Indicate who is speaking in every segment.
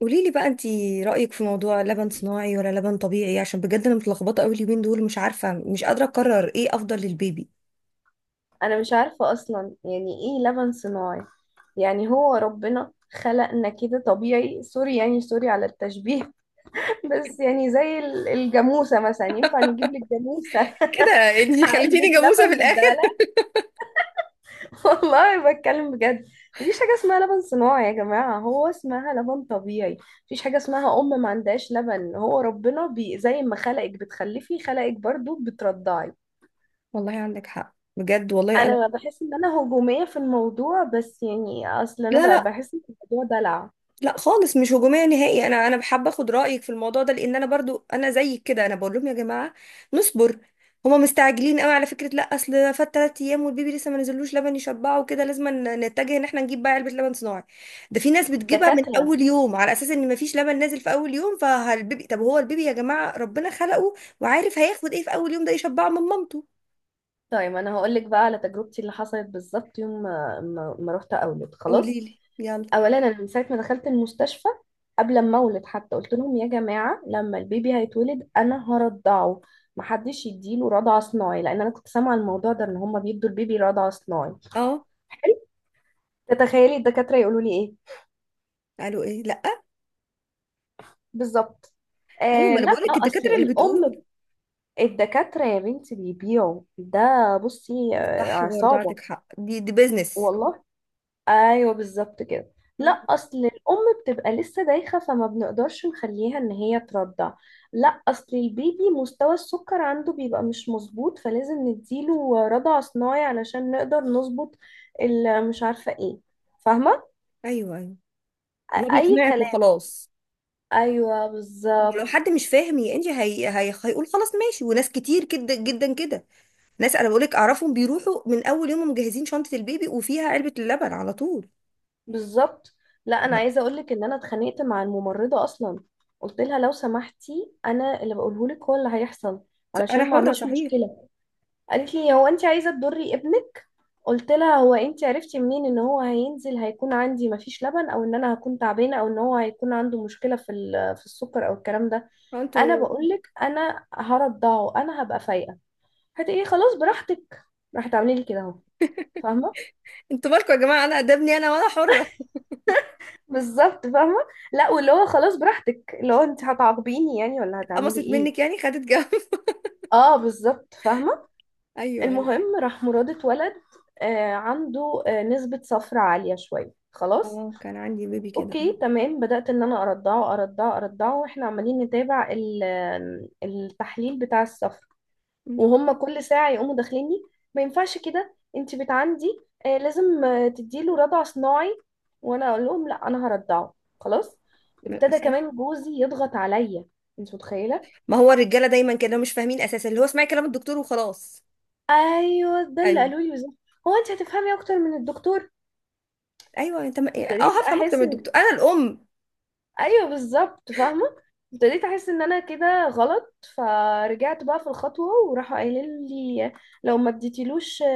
Speaker 1: قولي لي بقى، انتي رأيك في موضوع لبن صناعي ولا لبن طبيعي؟ عشان بجد انا متلخبطة قوي اليومين دول، مش عارفة، مش قادرة اقرر ايه افضل للبيبي.
Speaker 2: انا مش عارفة اصلا يعني ايه لبن صناعي. يعني هو ربنا خلقنا كده طبيعي، سوري يعني، سوري على التشبيه. بس يعني زي الجاموسة مثلا، ينفع نجيب لك جاموسة؟
Speaker 1: كده؟ انتي
Speaker 2: علبة
Speaker 1: خليتيني جاموسة
Speaker 2: لبن
Speaker 1: في
Speaker 2: نديها
Speaker 1: الاخر.
Speaker 2: لها؟ والله بتكلم بجد. مفيش حاجة اسمها لبن صناعي يا جماعة، هو اسمها لبن طبيعي. مفيش حاجة اسمها أم ما عندهاش لبن، هو ربنا بي زي ما خلقك بتخلفي خلقك برضو بترضعي.
Speaker 1: والله عندك حق، بجد والله. انا...
Speaker 2: انا بحس ان انا هجومية في الموضوع بس يعني اصل
Speaker 1: لا،
Speaker 2: انا
Speaker 1: لا،
Speaker 2: بحس ان الموضوع دلع.
Speaker 1: لا خالص، مش هجوميه نهائي. انا بحب اخد رايك في الموضوع ده، لان انا برضو انا زيك كده، انا بقول لهم يا جماعه نصبر. هما مستعجلين قوي على فكره. لا اصل ده فات 3 ايام والبيبي لسه ما نزلوش لبن يشبعه، وكده لازم نتجه ان احنا نجيب بقى علبه لبن صناعي. ده في ناس بتجيبها من
Speaker 2: الدكاترة.
Speaker 1: اول يوم، على اساس ان ما فيش لبن نازل في اول يوم فالبيبي. طب هو البيبي يا جماعه ربنا خلقه، وعارف هياخد ايه في اول يوم ده يشبعه من مامته.
Speaker 2: طيب انا هقول لك بقى على تجربتي اللي حصلت بالظبط. يوم ما رحت اولد
Speaker 1: قولي
Speaker 2: خلاص.
Speaker 1: لي، يلا.
Speaker 2: اولا، انا من ساعة ما دخلت المستشفى، قبل ما اولد حتى، قلت لهم يا جماعة لما البيبي هيتولد انا هرضعه. محدش يديله رضع صناعي، لان انا كنت سامعة الموضوع ده ان هما بيدوا البيبي رضع صناعي.
Speaker 1: اه.
Speaker 2: حلو. تتخيلي الدكاترة يقولوا لي ايه؟
Speaker 1: قالوا ايه؟ لا.
Speaker 2: بالظبط.
Speaker 1: ايوه،
Speaker 2: آه،
Speaker 1: ما انا
Speaker 2: لا
Speaker 1: بقول لك
Speaker 2: اصل
Speaker 1: الدكاتره اللي بتقول.
Speaker 2: الام. الدكاترة يا بنتي بيبيعوا ده. بصي
Speaker 1: صح، برضو
Speaker 2: عصابة.
Speaker 1: عندك حق. دي بيزنس.
Speaker 2: والله. ايوه بالظبط كده. لا
Speaker 1: مم.
Speaker 2: اصل الام بتبقى لسه دايخة فما بنقدرش نخليها ان هي ترضع. لا اصل البيبي مستوى السكر عنده بيبقى مش مظبوط، فلازم نديله رضع صناعي علشان نقدر نظبط مش عارفة ايه. فاهمة؟
Speaker 1: ايوه، ايوه. اللي هو
Speaker 2: اي
Speaker 1: بيقنعك
Speaker 2: كلام.
Speaker 1: وخلاص.
Speaker 2: ايوه
Speaker 1: ما هو لو
Speaker 2: بالظبط.
Speaker 1: حد مش فاهم يا انجي، هيقول خلاص ماشي. وناس كتير جدا جدا كده، ناس انا بقول لك اعرفهم، بيروحوا من اول يوم مجهزين شنطه البيبي وفيها علبه اللبن على طول.
Speaker 2: بالظبط. لا انا
Speaker 1: لا.
Speaker 2: عايزه اقول لك ان انا اتخانقت مع الممرضه اصلا. قلت لها لو سمحتي، انا اللي بقوله لك هو اللي هيحصل،
Speaker 1: انا
Speaker 2: علشان ما
Speaker 1: حره،
Speaker 2: اعملش
Speaker 1: صحيح.
Speaker 2: مشكله. قالت لي هو انت عايزه تضري ابنك؟ قلت لها هو انت عرفتي منين ان هو هينزل هيكون عندي مفيش لبن، او ان انا هكون تعبانه، او ان هو هيكون عنده مشكله في السكر، او الكلام ده.
Speaker 1: هو
Speaker 2: انا
Speaker 1: انتوا...
Speaker 2: بقول لك انا هرضعه، انا هبقى فايقه. هتقولي خلاص براحتك، راح تعملي لي كده اهو. فاهمه؟
Speaker 1: انتوا مالكم يا جماعه؟ انا قدامني، انا وانا حره.
Speaker 2: بالظبط فاهمة. لا واللي هو خلاص براحتك، اللي هو انت هتعاقبيني يعني ولا هتعملي
Speaker 1: اتقمصت
Speaker 2: ايه؟
Speaker 1: منك يعني، خدت جو.
Speaker 2: اه بالظبط فاهمة.
Speaker 1: ايوه، ايوه.
Speaker 2: المهم، راح مراد اتولد. آه عنده نسبة صفر عالية شوية خلاص.
Speaker 1: اه، كان عندي بيبي كده.
Speaker 2: اوكي تمام، بدأت ان انا ارضعه ارضعه ارضعه، واحنا عمالين نتابع التحليل بتاع الصفر.
Speaker 1: امم.
Speaker 2: وهم كل ساعة يقوموا داخليني، ما ينفعش كده انت بنت عندي، لازم تديله رضع صناعي. وانا اقول لهم لا انا هرضعه خلاص. ابتدى
Speaker 1: صح.
Speaker 2: كمان جوزي يضغط عليا، انت متخيلة؟
Speaker 1: ما هو الرجاله دايما كده مش فاهمين، اساسا اللي هو اسمعي كلام الدكتور وخلاص.
Speaker 2: ايوه ده اللي
Speaker 1: ايوه،
Speaker 2: قالوا لي بالظبط، هو انت هتفهمي اكتر من الدكتور؟
Speaker 1: ايوه، انت ما... اه،
Speaker 2: ابتديت
Speaker 1: هفهم اكتر من
Speaker 2: احس.
Speaker 1: الدكتور، انا الام.
Speaker 2: ايوه بالظبط فاهمه. ابتديت احس ان انا كده غلط، فرجعت بقى في الخطوه. وراحوا قايلين لي لو ما اديتيلوش آه،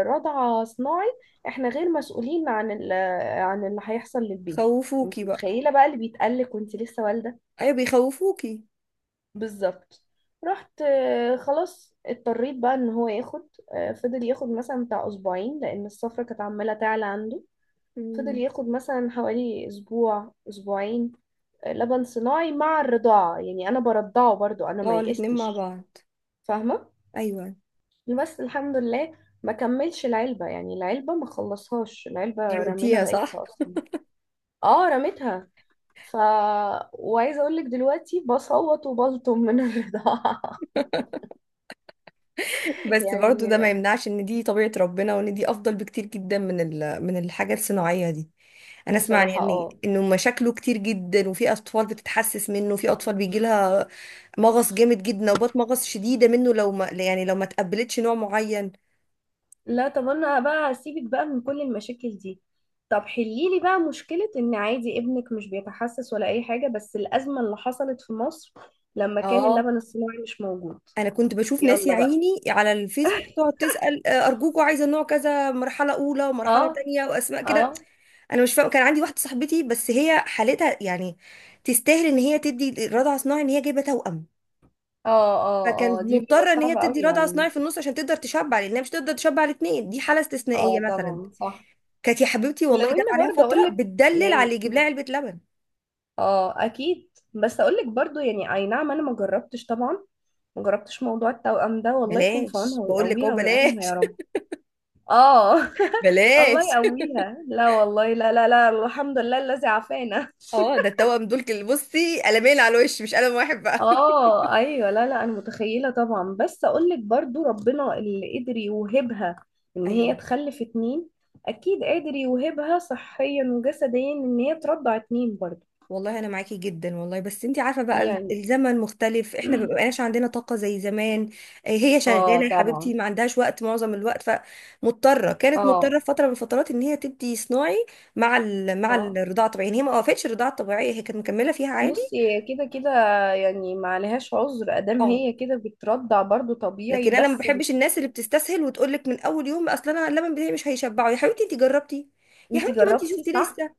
Speaker 2: آه، رضعه صناعي، احنا غير مسؤولين عن ال- آه، عن اللي هيحصل للبيبي.
Speaker 1: خوفوكي
Speaker 2: انت
Speaker 1: بقى.
Speaker 2: متخيله بقى اللي بيتقلق وانت لسه والده؟
Speaker 1: ايوه، بيخوفوكي.
Speaker 2: بالظبط. رحت خلاص اضطريت بقى ان هو ياخد. فضل ياخد مثلا بتاع اسبوعين، لان الصفرة كانت عماله تعلى عنده. فضل
Speaker 1: مم.
Speaker 2: ياخد مثلا حوالي اسبوع اسبوعين لبن صناعي مع الرضاعة. يعني أنا برضعه برضو، أنا ما
Speaker 1: اه، الاتنين مع
Speaker 2: يئستش.
Speaker 1: بعض.
Speaker 2: فاهمة؟
Speaker 1: ايوه،
Speaker 2: بس الحمد لله ما كملش العلبة، يعني العلبة ما خلصهاش، العلبة رمينا
Speaker 1: رميتيها؟ صح.
Speaker 2: بقيتها أصلا. اه رميتها. ف. وعايزة أقولك دلوقتي بصوت وبلطم من الرضاعة.
Speaker 1: بس برضو
Speaker 2: يعني.
Speaker 1: ده ما يمنعش ان دي طبيعة ربنا، وان دي افضل بكتير جدا من الحاجة الصناعية دي. انا اسمع يعني
Speaker 2: بصراحة
Speaker 1: ان يعني
Speaker 2: اه.
Speaker 1: انه مشاكله كتير جدا، وفي اطفال بتتحسس منه، وفي اطفال بيجي لها مغص جامد جدا، نوبات مغص شديدة منه لو ما يعني لو ما تقبلتش نوع معين.
Speaker 2: لا طب انا بقى هسيبك بقى من كل المشاكل دي. طب حليلي بقى مشكلة ان عادي ابنك مش بيتحسس ولا اي حاجة، بس الازمة اللي حصلت في مصر لما كان
Speaker 1: اه.
Speaker 2: اللبن الصناعي مش موجود.
Speaker 1: انا كنت بشوف ناس يا
Speaker 2: يلا بقى.
Speaker 1: عيني على الفيسبوك تقعد تسأل، ارجوكوا عايزة نوع كذا، مرحلة اولى
Speaker 2: اه
Speaker 1: ومرحلة تانية واسماء
Speaker 2: اه
Speaker 1: كده. انا مش فاهمه. كان عندي واحده صاحبتي بس هي حالتها يعني تستاهل ان هي تدي رضع صناعي، ان هي جايبه توأم.
Speaker 2: اه اه.
Speaker 1: فكانت
Speaker 2: اه دي بيبقى
Speaker 1: مضطره ان هي
Speaker 2: صعبة قوي
Speaker 1: تدي
Speaker 2: يا
Speaker 1: رضع
Speaker 2: عيني.
Speaker 1: صناعي في النص عشان تقدر تشبع، لانها مش تقدر تشبع الاثنين. دي حاله استثنائيه
Speaker 2: اه
Speaker 1: مثلا.
Speaker 2: طبعا صح.
Speaker 1: كانت يا حبيبتي والله
Speaker 2: ولو
Speaker 1: جت
Speaker 2: ان
Speaker 1: عليها
Speaker 2: برضه اقول
Speaker 1: فتره
Speaker 2: لك
Speaker 1: بتدلل على اللي
Speaker 2: يعني،
Speaker 1: يجيب لها علبه لبن.
Speaker 2: اه اكيد، بس اقول لك برضه يعني، اي نعم انا ما جربتش طبعا، ما جربتش موضوع التوأم ده، والله يكون في
Speaker 1: بلاش،
Speaker 2: عونها
Speaker 1: بقول لك اهو،
Speaker 2: ويقويها ويعينها
Speaker 1: بلاش.
Speaker 2: يا رب. اه. الله
Speaker 1: بلاش.
Speaker 2: يقويها. لا والله، لا لا لا، الحمد لله الذي عافانا.
Speaker 1: اه، ده التوأم دول بصي قلمين على الوش، مش قلم واحد بقى.
Speaker 2: اه ايوه، لا لا انا متخيله طبعا، بس اقول لك برضو ربنا اللي قدر يوهبها ان هي
Speaker 1: ايوه.
Speaker 2: تخلف اتنين، اكيد قادر يوهبها صحيا وجسديا ان هي ترضع اتنين برضو.
Speaker 1: والله انا معاكي جدا والله، بس انت عارفه بقى
Speaker 2: يعني.
Speaker 1: الزمن مختلف، احنا ما بقاش عندنا طاقه زي زمان. هي
Speaker 2: اه
Speaker 1: شغاله يا حبيبتي
Speaker 2: طبعا.
Speaker 1: ما عندهاش وقت معظم الوقت، كانت مضطره
Speaker 2: اه.
Speaker 1: في فتره من الفترات ان هي تدي صناعي مع
Speaker 2: اه
Speaker 1: الرضاعه الطبيعيه، يعني هي ما وقفتش الرضاعه الطبيعيه، هي كانت مكمله فيها عادي.
Speaker 2: بصي، كده كده يعني ما عليهاش عذر ادام
Speaker 1: اه.
Speaker 2: هي كده بترضع برضو طبيعي،
Speaker 1: لكن انا ما
Speaker 2: بس
Speaker 1: بحبش الناس اللي بتستسهل وتقول لك من اول يوم اصلا انا اللبن بتاعي مش هيشبعه. يا حبيبتي انت جربتي؟ يا
Speaker 2: انتي
Speaker 1: حبيبتي وانت
Speaker 2: جربتي
Speaker 1: شفتي
Speaker 2: صح.
Speaker 1: لسه.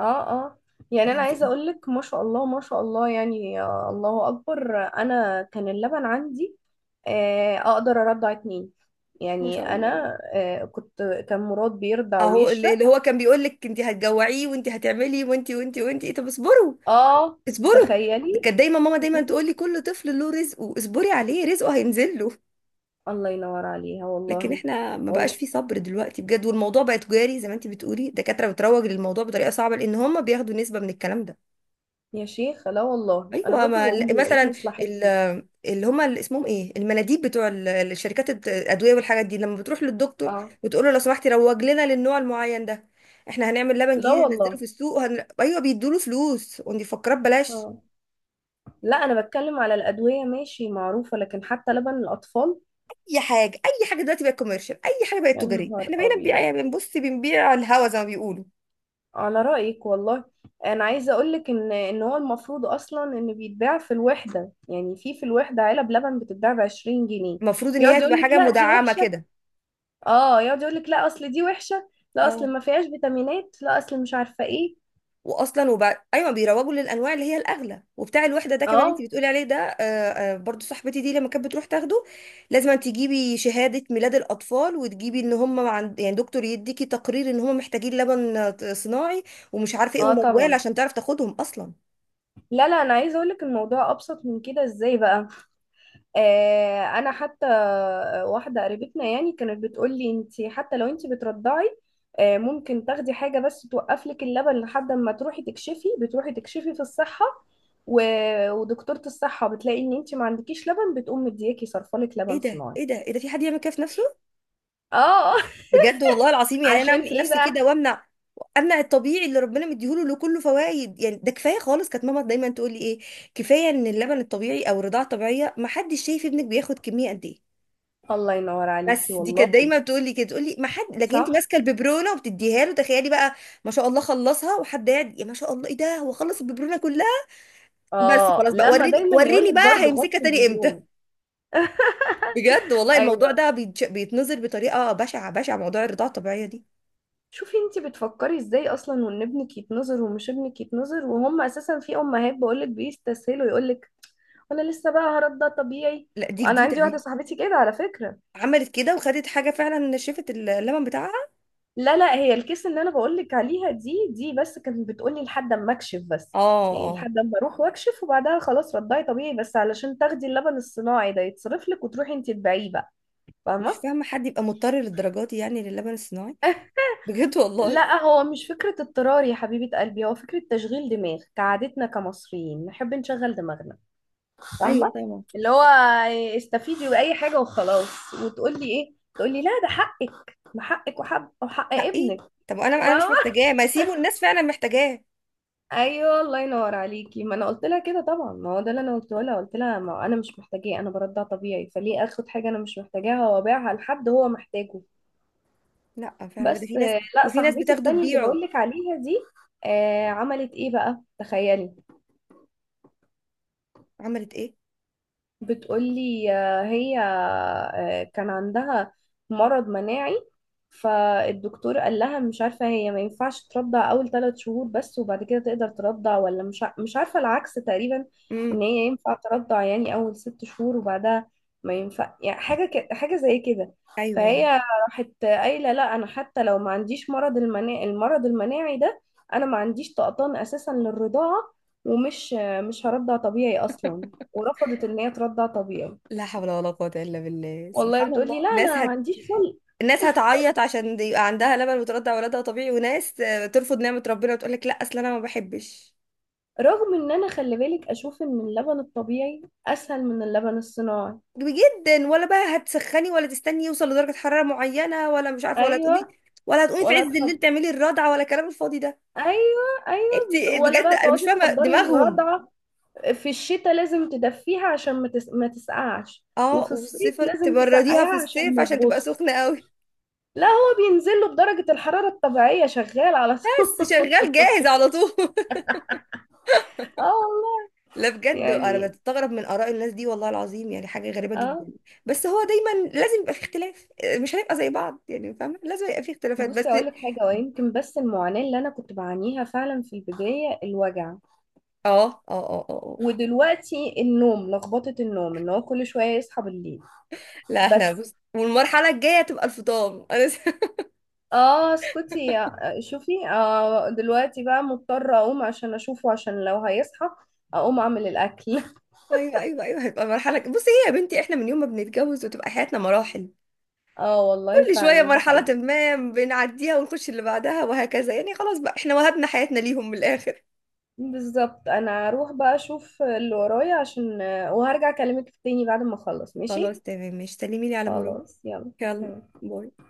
Speaker 2: اه اه. يعني انا عايزه اقول لك، ما شاء الله ما شاء الله يعني، الله اكبر، انا كان اللبن عندي اقدر ارضع اتنين.
Speaker 1: ما
Speaker 2: يعني
Speaker 1: شاء الله.
Speaker 2: انا كنت، كان مراد بيرضع
Speaker 1: اهو اللي
Speaker 2: ويشرق.
Speaker 1: اللي هو كان بيقول لك انت هتجوعيه وانت هتعملي وانت وانت وانت، طب اصبروا،
Speaker 2: اه
Speaker 1: اصبروا.
Speaker 2: تخيلي.
Speaker 1: كانت دايما ماما دايما
Speaker 2: شوفي،
Speaker 1: تقول لي: كل طفل له رزقه، اصبري عليه، رزقه هينزل له.
Speaker 2: الله ينور عليها
Speaker 1: لكن
Speaker 2: والله.
Speaker 1: احنا ما بقاش
Speaker 2: والله.
Speaker 1: في صبر دلوقتي بجد، والموضوع بقى تجاري زي ما انت بتقولي. الدكاتره بتروج للموضوع بطريقه صعبه، لان هم بياخدوا نسبه من الكلام ده.
Speaker 2: يا شيخ لا والله، انا
Speaker 1: ايوه،
Speaker 2: برضو
Speaker 1: ما
Speaker 2: بقول هو ايه
Speaker 1: مثلا،
Speaker 2: مصلحتي؟
Speaker 1: اللي هم اللي اسمهم ايه، المناديب بتوع الشركات الادويه والحاجات دي، لما بتروح للدكتور
Speaker 2: اه.
Speaker 1: وتقول له لو سمحتي روج لنا للنوع المعين ده، احنا هنعمل لبن
Speaker 2: لا
Speaker 1: جديد هننزله في
Speaker 2: والله.
Speaker 1: السوق ايوه بيدوله فلوس، ودي فكرات، بلاش.
Speaker 2: اه لا، انا بتكلم على الادويه ماشي معروفه، لكن حتى لبن الاطفال؟
Speaker 1: اي حاجه، اي حاجه دلوقتي بقت كوميرشال، اي حاجه بقت
Speaker 2: يا
Speaker 1: تجاريه.
Speaker 2: نهار
Speaker 1: احنا بقينا
Speaker 2: ابيض.
Speaker 1: بنبيع، بنبص، بنبيع على الهوا زي ما بيقولوا.
Speaker 2: على رأيك والله. انا عايزه اقولك ان هو المفروض اصلا ان بيتباع في الوحده، يعني في الوحده علب لبن بتتباع ب 20 جنيه.
Speaker 1: المفروض ان هي
Speaker 2: يقعد
Speaker 1: تبقى
Speaker 2: يقولك
Speaker 1: حاجه
Speaker 2: لا دي
Speaker 1: مدعمه
Speaker 2: وحشه.
Speaker 1: كده.
Speaker 2: اه يقعد يقولك لا اصل دي وحشه، لا اصل
Speaker 1: اه،
Speaker 2: ما فيهاش فيتامينات، لا اصل مش عارفه ايه.
Speaker 1: واصلا وبعد ايوه، بيروجوا للانواع اللي هي الاغلى، وبتاع الوحده ده كمان انت
Speaker 2: اه.
Speaker 1: بتقولي عليه ده، برضو صاحبتي دي لما كانت بتروح تاخده، لازم أن تجيبي شهاده ميلاد الاطفال، وتجيبي ان هم عند يعني دكتور يديكي تقرير ان هم محتاجين لبن صناعي، ومش عارفه ايه
Speaker 2: اه
Speaker 1: وموال
Speaker 2: طبعا.
Speaker 1: عشان تعرف تاخدهم اصلا.
Speaker 2: لا لا انا عايزه اقولك الموضوع ابسط من كده، ازاي بقى؟ انا حتى، واحده قريبتنا يعني كانت بتقول لي انت حتى لو انت بترضعي ممكن تاخدي حاجه بس توقف لك اللبن لحد ما تروحي تكشفي، بتروحي تكشفي في الصحه، ودكتوره الصحه بتلاقي ان انت ما عندكيش لبن، بتقوم مدياكي صرفالك
Speaker 1: ايه
Speaker 2: لبن
Speaker 1: ده،
Speaker 2: صناعي.
Speaker 1: ايه ده، ايه ده؟ في حد يعمل كده في نفسه؟
Speaker 2: اه.
Speaker 1: بجد والله العظيم. يعني انا
Speaker 2: عشان
Speaker 1: اعمل في
Speaker 2: ايه
Speaker 1: نفسي كده
Speaker 2: بقى؟
Speaker 1: وامنع، امنع الطبيعي اللي ربنا مديهوله، له كله فوائد. يعني ده كفايه خالص. كانت ماما دايما تقول لي ايه، كفايه ان اللبن الطبيعي او الرضاعه الطبيعيه ما حدش شايف ابنك بياخد كميه قد ايه.
Speaker 2: الله ينور عليكي
Speaker 1: بس دي
Speaker 2: والله.
Speaker 1: كانت دايما بتقول لي كده، تقول لي ما حد، لكن انت
Speaker 2: صح.
Speaker 1: ماسكه الببرونه وبتديها له، تخيلي بقى. ما شاء الله خلصها، وحد قاعد يا ما شاء الله ايه ده، هو خلص الببرونه كلها. بس
Speaker 2: اه
Speaker 1: خلاص بقى،
Speaker 2: لما
Speaker 1: وريني
Speaker 2: دايما يقول
Speaker 1: وريني
Speaker 2: لك
Speaker 1: بقى
Speaker 2: برضه
Speaker 1: هيمسكها
Speaker 2: غطي
Speaker 1: تاني امتى.
Speaker 2: البيبرون.
Speaker 1: بجد والله الموضوع
Speaker 2: ايوه.
Speaker 1: ده بيتنظر بطريقه بشعه بشعه، موضوع الرضاعه الطبيعيه دي.
Speaker 2: شوفي انتي بتفكري ازاي اصلا، وان ابنك يتنظر ومش ابنك يتنظر، وهم اساسا في امهات بقولك بيستسهلوا، يقولك وانا لسه بقى هرد ده طبيعي.
Speaker 1: لا، دي
Speaker 2: وانا
Speaker 1: جديده
Speaker 2: عندي واحده
Speaker 1: دي.
Speaker 2: صاحبتي كده على فكره.
Speaker 1: عملت كده وخدت حاجة فعلا نشفت اللبن بتاعها.
Speaker 2: لا لا، هي الكيس اللي انا بقولك عليها دي بس كانت بتقولي لحد اما اكشف بس،
Speaker 1: اه،
Speaker 2: يعني
Speaker 1: اه.
Speaker 2: لحد اما اروح واكشف وبعدها خلاص رضعي طبيعي، بس علشان تاخدي اللبن الصناعي ده يتصرف لك وتروحي انتي تبيعيه بقى.
Speaker 1: مش
Speaker 2: فاهمه؟
Speaker 1: فاهمة حد يبقى مضطر للدرجات دي يعني للبن الصناعي. بجد والله.
Speaker 2: لا هو مش فكره اضطرار يا حبيبه قلبي، هو فكره تشغيل دماغ كعادتنا كمصريين نحب نشغل دماغنا.
Speaker 1: ايوه،
Speaker 2: فاهمه؟
Speaker 1: طبعا.
Speaker 2: اللي هو استفيدي بأي حاجة وخلاص، وتقولي ايه؟ تقولي لا ده حقك، ما حقك وحق
Speaker 1: حقي.
Speaker 2: ابنك.
Speaker 1: طب انا مش
Speaker 2: فاهمة؟
Speaker 1: محتاجاه، ما سيبوا الناس فعلا محتاجاه.
Speaker 2: ايوه الله ينور عليكي، ما انا قلت لها كده طبعا، ما هو ده اللي انا قلته لها، قلت لها ما هو انا مش محتاجاه، انا برضع طبيعي، فليه اخد حاجة انا مش محتاجاها وابيعها لحد هو محتاجه؟
Speaker 1: لا فعلا، ده في
Speaker 2: بس
Speaker 1: ناس.
Speaker 2: لا
Speaker 1: وفي ناس
Speaker 2: صاحبتي
Speaker 1: بتاخده
Speaker 2: التانية اللي
Speaker 1: تبيعه.
Speaker 2: بقولك عليها دي عملت ايه بقى، تخيلي.
Speaker 1: عملت ايه؟
Speaker 2: بتقولي هي كان عندها مرض مناعي، فالدكتور قال لها مش عارفة هي ما ينفعش ترضع أول ثلاث شهور بس وبعد كده تقدر ترضع، ولا مش مش عارفة، العكس تقريبا. إن
Speaker 1: امم.
Speaker 2: هي ينفع ترضع يعني أول ست شهور، وبعدها ما ينفع، يعني حاجة حاجة زي كده.
Speaker 1: ايوه، أيوة.
Speaker 2: فهي راحت قايلة لا أنا حتى لو ما عنديش المرض المناعي ده، أنا ما عنديش طقطان أساسا للرضاعة، ومش مش هرضع طبيعي أصلا. ورفضت ان هي ترضع طبيعي.
Speaker 1: لا حول ولا قوة الا بالله،
Speaker 2: والله
Speaker 1: سبحان
Speaker 2: بتقولي
Speaker 1: الله.
Speaker 2: لا
Speaker 1: ناس
Speaker 2: انا ما عنديش خلق،
Speaker 1: الناس هتعيط عشان يبقى عندها لبن وترضع ولادها طبيعي، وناس ترفض نعمة ربنا وتقول لك لا اصل انا ما بحبش.
Speaker 2: رغم ان انا خلي بالك اشوف ان اللبن الطبيعي اسهل من اللبن الصناعي.
Speaker 1: جدا. ولا بقى هتسخني ولا تستني يوصل لدرجة حرارة معينة ولا مش عارفة ولا تقومي،
Speaker 2: ايوه
Speaker 1: ولا هتقومي في
Speaker 2: ولا
Speaker 1: عز الليل تعملي الرضعة ولا الكلام الفاضي ده.
Speaker 2: ايوه ايوه.
Speaker 1: انت
Speaker 2: ولا
Speaker 1: بجد
Speaker 2: بقى
Speaker 1: انا مش
Speaker 2: تقعدي
Speaker 1: فاهمة
Speaker 2: تحضري
Speaker 1: دماغهم.
Speaker 2: الرضعه في الشتاء، لازم تدفيها عشان ما تسقعش،
Speaker 1: اه،
Speaker 2: وفي الصيف
Speaker 1: والصيف
Speaker 2: لازم
Speaker 1: تبرديها في
Speaker 2: تسقعيها عشان
Speaker 1: الصيف
Speaker 2: ما
Speaker 1: عشان تبقى سخنة قوي.
Speaker 2: لا هو بينزل له بدرجه الحراره الطبيعيه شغال على طول.
Speaker 1: بس شغال جاهز على طول.
Speaker 2: اه والله.
Speaker 1: لا بجد، انا
Speaker 2: يعني.
Speaker 1: بستغرب من آراء الناس دي والله العظيم، يعني حاجة غريبة جدا.
Speaker 2: اه.
Speaker 1: بس هو دايما لازم يبقى في اختلاف. مش هنبقى زي بعض يعني، فاهمة، لازم يبقى في اختلافات بس.
Speaker 2: بصي اقول لك حاجه، ويمكن بس المعاناه اللي انا كنت بعانيها فعلا في البدايه الوجع،
Speaker 1: اه، اه، اه، اه، آه.
Speaker 2: ودلوقتي النوم، لخبطه النوم ان هو كل شويه يصحى بالليل.
Speaker 1: لا احنا
Speaker 2: بس.
Speaker 1: بص، والمرحلة الجاية تبقى الفطام، انا
Speaker 2: اه اسكتي يا. شوفي دلوقتي بقى مضطره اقوم عشان اشوفه، عشان لو هيصحى اقوم اعمل الاكل.
Speaker 1: ايوه، ايوه، ايوه، هيبقى مرحله بصي هي يا بنتي، احنا من يوم ما بنتجوز وتبقى حياتنا مراحل،
Speaker 2: اه والله
Speaker 1: كل شويه
Speaker 2: فعلا ده
Speaker 1: مرحله
Speaker 2: حقيقي.
Speaker 1: ما بنعديها ونخش اللي بعدها وهكذا يعني، خلاص بقى احنا وهبنا حياتنا ليهم من الاخر.
Speaker 2: بالظبط، انا هروح بقى اشوف اللي ورايا عشان، وهرجع اكلمك تاني بعد ما اخلص، ماشي؟
Speaker 1: خلاص تمام، مش سلمي لي على مرور.
Speaker 2: خلاص يلا،
Speaker 1: يلا،
Speaker 2: سلام.
Speaker 1: باي.